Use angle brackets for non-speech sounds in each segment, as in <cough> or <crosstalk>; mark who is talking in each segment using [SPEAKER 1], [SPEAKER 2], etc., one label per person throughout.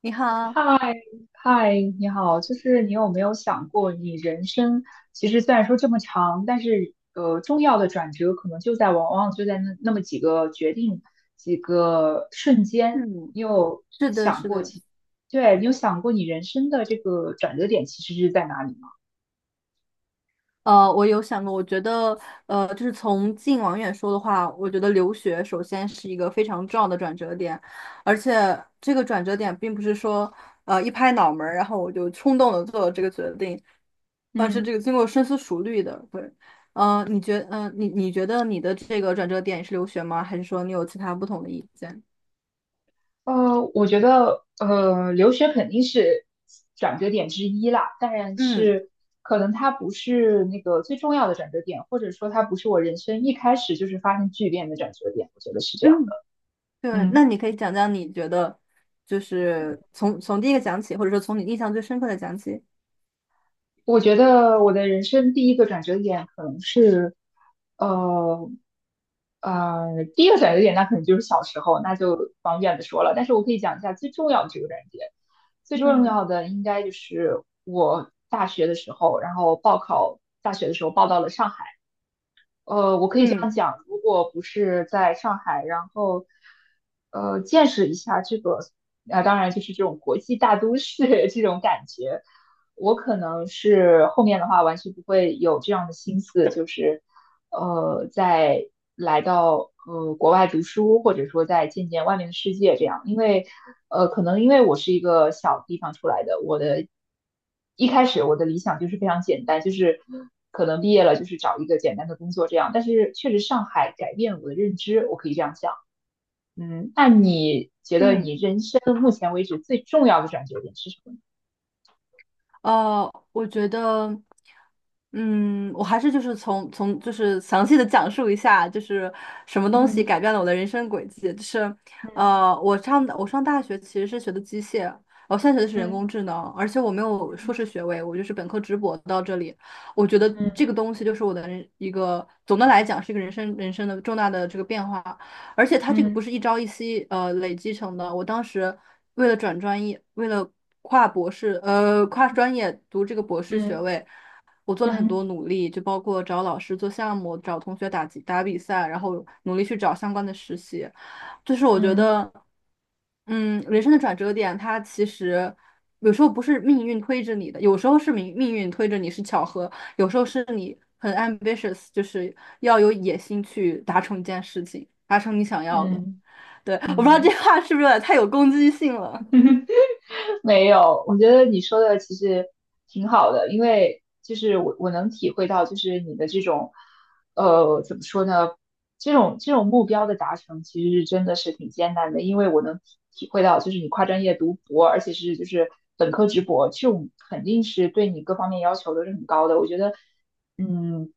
[SPEAKER 1] 你好，
[SPEAKER 2] 嗨嗨，你好，就是你有没有想过，你人生其实虽然说这么长，但是重要的转折可能往往就在那么几个决定、几个瞬间，
[SPEAKER 1] 嗯，
[SPEAKER 2] 你有
[SPEAKER 1] 是的，
[SPEAKER 2] 想
[SPEAKER 1] 是
[SPEAKER 2] 过
[SPEAKER 1] 的，
[SPEAKER 2] 其，对，你有想过你人生的这个转折点其实是在哪里吗？
[SPEAKER 1] 我有想过，我觉得，就是从近往远说的话，我觉得留学首先是一个非常重要的转折点，而且这个转折点并不是说，一拍脑门儿，然后我就冲动的做了这个决定，而是
[SPEAKER 2] 嗯。
[SPEAKER 1] 这个经过深思熟虑的。对，你觉得你的这个转折点是留学吗？还是说你有其他不同的意见？
[SPEAKER 2] 我觉得留学肯定是转折点之一啦，但
[SPEAKER 1] 嗯
[SPEAKER 2] 是可能它不是那个最重要的转折点，或者说它不是我人生一开始就是发生巨变的转折点，我觉得是这样的。
[SPEAKER 1] 嗯。对，
[SPEAKER 2] 嗯。
[SPEAKER 1] 那你可以讲讲你觉得，就是从第一个讲起，或者说从你印象最深刻的讲起。
[SPEAKER 2] 我觉得我的人生第一个转折点可能是，呃第一个转折点那可能就是小时候，那就方便的说了。但是我可以讲一下最重要的这个转折点，最重
[SPEAKER 1] 嗯
[SPEAKER 2] 要的应该就是我大学的时候，然后报考大学的时候报到了上海。我可以这
[SPEAKER 1] 嗯
[SPEAKER 2] 样讲，如果不是在上海，然后见识一下这个，啊、当然就是这种国际大都市 <laughs> 这种感觉，我可能是后面的话完全不会有这样的心思，就是再来到国外读书，或者说再见见外面的世界这样，因为可能因为我是一个小地方出来的，我的。一开始我的理想就是非常简单，就是可能毕业了就是找一个简单的工作这样。但是确实上海改变了我的认知，我可以这样想。嗯，那你觉得
[SPEAKER 1] 嗯，
[SPEAKER 2] 你人生目前为止最重要的转折点是什么呢？
[SPEAKER 1] 我觉得，嗯，我还是就是从就是详细的讲述一下，就是什么东西
[SPEAKER 2] 嗯
[SPEAKER 1] 改变了我的人生轨迹。就是，
[SPEAKER 2] 嗯
[SPEAKER 1] 我上大学其实是学的机械，我现在学的是人
[SPEAKER 2] 嗯
[SPEAKER 1] 工智能，而且我没有硕士学位，我就是本科直博到这里。我觉得这
[SPEAKER 2] 嗯
[SPEAKER 1] 个东西就是我的人一个总的来讲是一个人生的重大的这个变化，而且它这个不
[SPEAKER 2] 嗯
[SPEAKER 1] 是一朝一夕累积成的。我当时为了转专业，为了跨博士，跨专业读这个博士学
[SPEAKER 2] 嗯
[SPEAKER 1] 位，我做了很多
[SPEAKER 2] 嗯
[SPEAKER 1] 努力，就包括找老师做项目，找同学打比赛，然后努力去找相关的实习。就是我觉
[SPEAKER 2] 嗯
[SPEAKER 1] 得，嗯，人生的转折点，它其实有时候不是命运推着你的，有时候是命运推着你是巧合，有时候是你很 ambitious，就是要有野心去达成一件事情，达成你想要的。
[SPEAKER 2] 嗯
[SPEAKER 1] 对，
[SPEAKER 2] 嗯
[SPEAKER 1] 我不知道这
[SPEAKER 2] 嗯。
[SPEAKER 1] 话是不是有点太有攻击性了。
[SPEAKER 2] <laughs> 没有，我觉得你说的其实挺好的，因为就是我能体会到，就是你的这种，怎么说呢？这种目标的达成，其实是真的是挺艰难的，因为我能体会到，就是你跨专业读博，而且是就是本科直博，这种肯定是对你各方面要求都是很高的。我觉得嗯，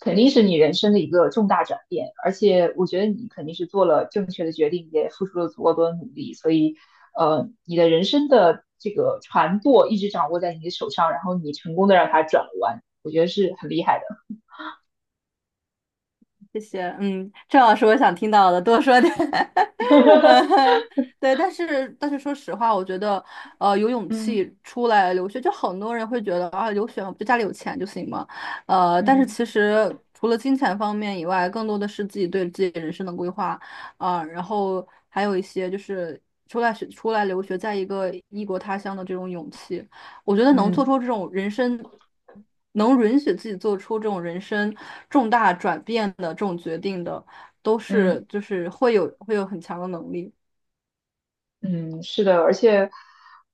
[SPEAKER 2] 肯定是你人生的一个重大转变，而且我觉得你肯定是做了正确的决定，也付出了足够多的努力，所以，你的人生的这个船舵一直掌握在你的手上，然后你成功的让它转弯，我觉得是很厉害的。
[SPEAKER 1] 谢谢，嗯，正好是我想听到的，多说点。<laughs>
[SPEAKER 2] <laughs>
[SPEAKER 1] 嗯，对，但是说实话，我觉得，有勇
[SPEAKER 2] 嗯
[SPEAKER 1] 气出来留学，就很多人会觉得啊，留学就家里有钱就行嘛，但是
[SPEAKER 2] 嗯
[SPEAKER 1] 其实除了金钱方面以外，更多的是自己对自己人生的规划啊，然后还有一些就是出来留学，在一个异国他乡的这种勇气。我觉得能做
[SPEAKER 2] 嗯
[SPEAKER 1] 出这种人生，能允许自己做出这种人生重大转变的这种决定的，都
[SPEAKER 2] 嗯。
[SPEAKER 1] 是就是会有很强的能力。
[SPEAKER 2] 嗯，是的，而且，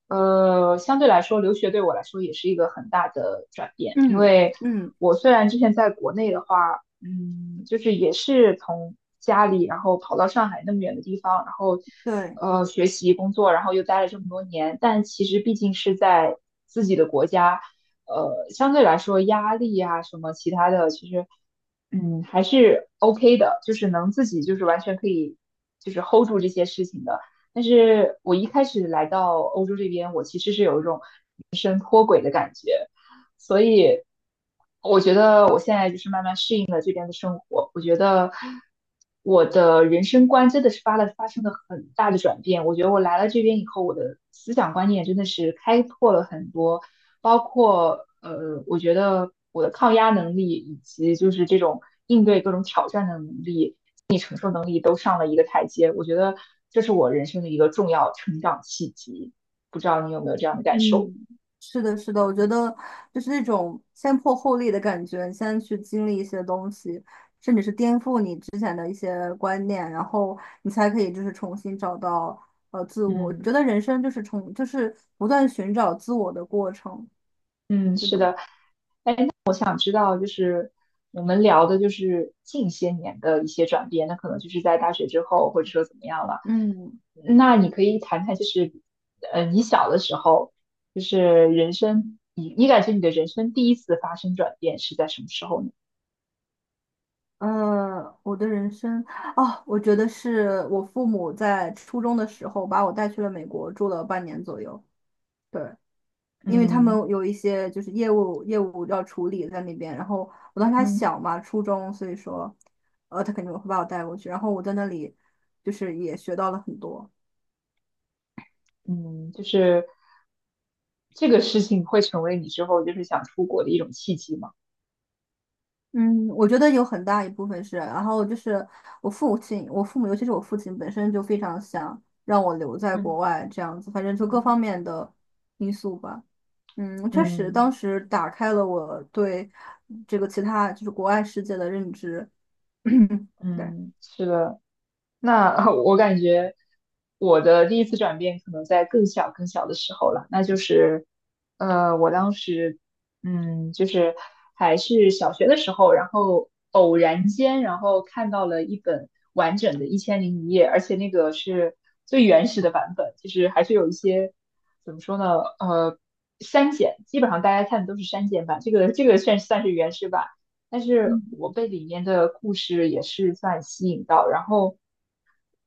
[SPEAKER 2] 相对来说，留学对我来说也是一个很大的转变，因
[SPEAKER 1] 嗯
[SPEAKER 2] 为
[SPEAKER 1] 嗯，
[SPEAKER 2] 我虽然之前在国内的话，就是也是从家里，然后跑到上海那么远的地方，然后，
[SPEAKER 1] 对，
[SPEAKER 2] 学习、工作，然后又待了这么多年，但其实毕竟是在自己的国家，相对来说压力啊什么其他的，其实，还是 OK 的，就是能自己就是完全可以就是 hold 住这些事情的。但是我一开始来到欧洲这边，我其实是有一种所以我觉得我现在就是慢慢适应了这边的生活，我觉得我的人生观真的是发生了很大的转变。我觉得我来了这边以后，我的思想观念真的是开拓了很多，包括我觉得我的抗压能力以及就是这种应对各种挑战的能力、心理承受能力都上了一个台阶。我觉得这是我人生的一个重要成长契机。不知道你有没有这样的感受？
[SPEAKER 1] 嗯，是的，是的，我觉得就是那种先破后立的感觉，你先去经历一些东西，颠覆你之前的一些观念，然后你才可以就是重新找到自我。我
[SPEAKER 2] 嗯
[SPEAKER 1] 觉得人生就是不断寻找自我的过程。
[SPEAKER 2] 嗯，
[SPEAKER 1] 是
[SPEAKER 2] 是
[SPEAKER 1] 的。
[SPEAKER 2] 的。知道，就是我们聊的就是近些年的一些转变，那可能就是在大学之后，或者说怎么样了。
[SPEAKER 1] 嗯。
[SPEAKER 2] 那你可以谈谈，就是你小的时候，就是人生，你感觉你的人生第一次发生转变是在什么时候呢？
[SPEAKER 1] 呃，我的人生，哦，我觉得是我父母在初中的时候把我带去了美国，住了半年左右。对，因为他
[SPEAKER 2] 嗯
[SPEAKER 1] 们有一些就是业务要处理在那边，然后我当时还
[SPEAKER 2] 嗯
[SPEAKER 1] 小嘛，初中，所以说，他肯定会把我带过去。然后我在那里就是也学到了很多。
[SPEAKER 2] 嗯，就是这个事情会成为你之后就是想出国的一种契机吗？
[SPEAKER 1] 嗯，我觉得有很大一部分是，然后就是我父亲，我父母，尤其是我父亲本身就非常想让我留在国
[SPEAKER 2] 嗯
[SPEAKER 1] 外这样子，反正就各
[SPEAKER 2] 嗯
[SPEAKER 1] 方面的因素吧。嗯，确实，当
[SPEAKER 2] 嗯，
[SPEAKER 1] 时打开了我对这个其他就是国外世界的认知。<coughs> <clears throat> 对。
[SPEAKER 2] 嗯嗯是的，那 <laughs> 我感觉我的第一次转变可能在更小更小的时候了，那就是，我当时，就是还是小学的时候，然后偶然间，然后看到了一本完整的《一千零一夜》，而且那个是最原始的版本，就是还是有一些怎么说呢，删减，基本上大家看的都是删减版，这个算算是原始版。但是
[SPEAKER 1] 嗯，
[SPEAKER 2] 我被里面的故事也是算吸引到，然后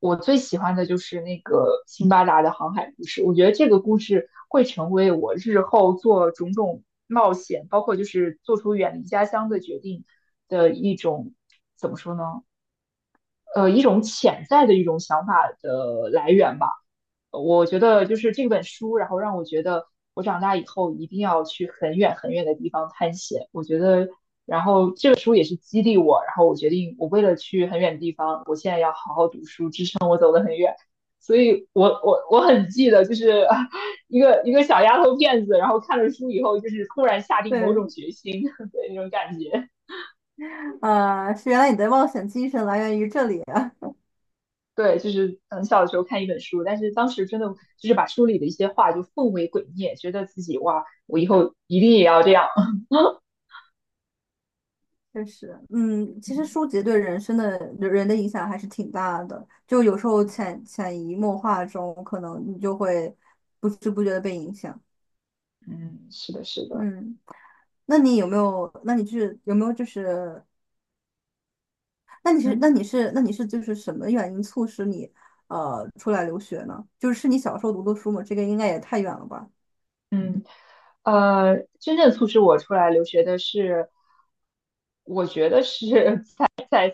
[SPEAKER 2] 我最喜欢的就是那个辛巴达的航海故事，我觉得这个故事会成为我日后做种种冒险，包括就是做出远离家乡的决定的一种，怎么说呢？一种潜在的一种想法的来源吧。我觉得就是这本书，然后让我觉得我长大以后一定要去很远很远的地方探险。我觉得这本书也是激励我，然后我决定我为了去很远的地方，我现在要好好读书，所以我很记得，就是 <laughs> 啊一个一个小丫头片子，然后看了书以后，就是突然下定某
[SPEAKER 1] 对，
[SPEAKER 2] 种决心，<laughs> 对那种感觉。
[SPEAKER 1] 是原来你的冒险精神来源于这里啊。
[SPEAKER 2] 对，就是很小的时候看一本书，但是当时真的就是把书里的一些话就奉为圭臬，觉得自己哇，我以后一定也要这样。<laughs> 嗯
[SPEAKER 1] 确实，嗯，其实书籍对人生的人的影响还是挺大的，就有时候潜移默化中，可能你就会不知不觉的被影响。
[SPEAKER 2] 嗯，是的，是的，
[SPEAKER 1] 嗯，那你有没有？那你是有没有就是那你是那
[SPEAKER 2] 嗯
[SPEAKER 1] 你是那你是就是什么原因促使你出来留学呢？就是是你小时候读的书吗？这个应该也太远了吧？
[SPEAKER 2] 嗯，真正促使我出来留学的是，我觉得是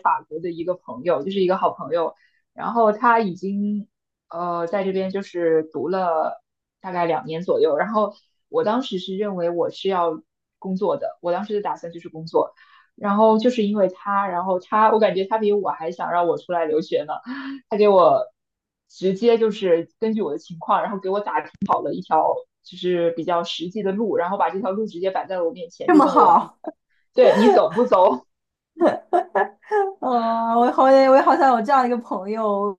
[SPEAKER 2] 法国的一个朋友，就是一个好朋友，然后他已经在这边就是读了大概2年左右，然后我当时是认为我是要工作的，我当时的打算就是工作，然后就是因为他，然后他我感觉他比我还想让我出来留学呢，他给我直接就是根据我的情况，然后给我打听好了一条就是比较实际的路，然后把这条路直接摆在了我面前，
[SPEAKER 1] 这
[SPEAKER 2] 就
[SPEAKER 1] 么
[SPEAKER 2] 问我
[SPEAKER 1] 好，
[SPEAKER 2] 对你走不走？
[SPEAKER 1] <laughs> 呃，我也好想有这样一个朋友，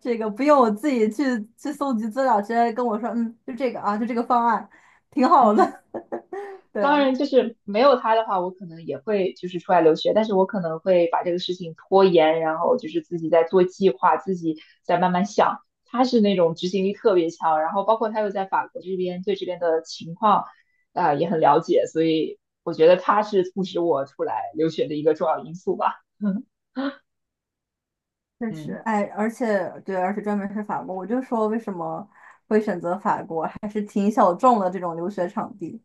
[SPEAKER 1] 这个不用我自己去去搜集资料，直接跟我说，嗯，就这个啊，就这个方案，挺好
[SPEAKER 2] 嗯。
[SPEAKER 1] 的。<laughs> 对，
[SPEAKER 2] 当然，就是没有他的话，我可能也会就是出来留学，但是我可能会把这个事情拖延，然后就是自己在做计划，自己在慢慢想。他是那种执行力特别强，然后包括他又在法国这边，对这边的情况啊、也很了解，所以我觉得他是促使我出来留学的一个重要因素吧。<laughs>
[SPEAKER 1] 确实，
[SPEAKER 2] 嗯。
[SPEAKER 1] 哎，而且对，而且专门是法国，我就说为什么会选择法国，还是挺小众的这种留学场地。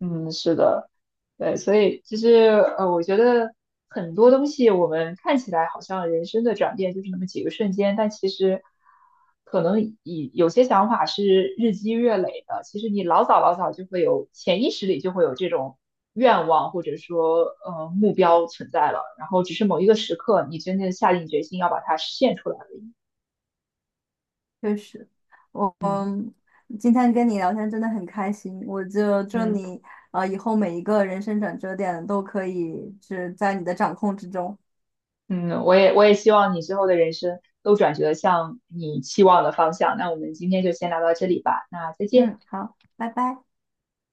[SPEAKER 2] 嗯，是的，对，所以其实我觉得很多东西我们看起来好像人生的转变就是那么几个瞬间，但其实可能以有些想法是日积月累的。其实你老早老早就会有潜意识里就会有这种愿望或者说目标存在了，然后只是某一个时刻你真正下定决心要把它实现出来而已。
[SPEAKER 1] 确实，我嗯，今天跟你聊天真的很开心。我就祝
[SPEAKER 2] 嗯。
[SPEAKER 1] 你以后每一个人生转折点都可以是在你的掌控之中。
[SPEAKER 2] 嗯，我也希望你之后的人生都转折向你期望的方向。那我们今天就先聊到这里吧，那再见。
[SPEAKER 1] 嗯，好，拜拜。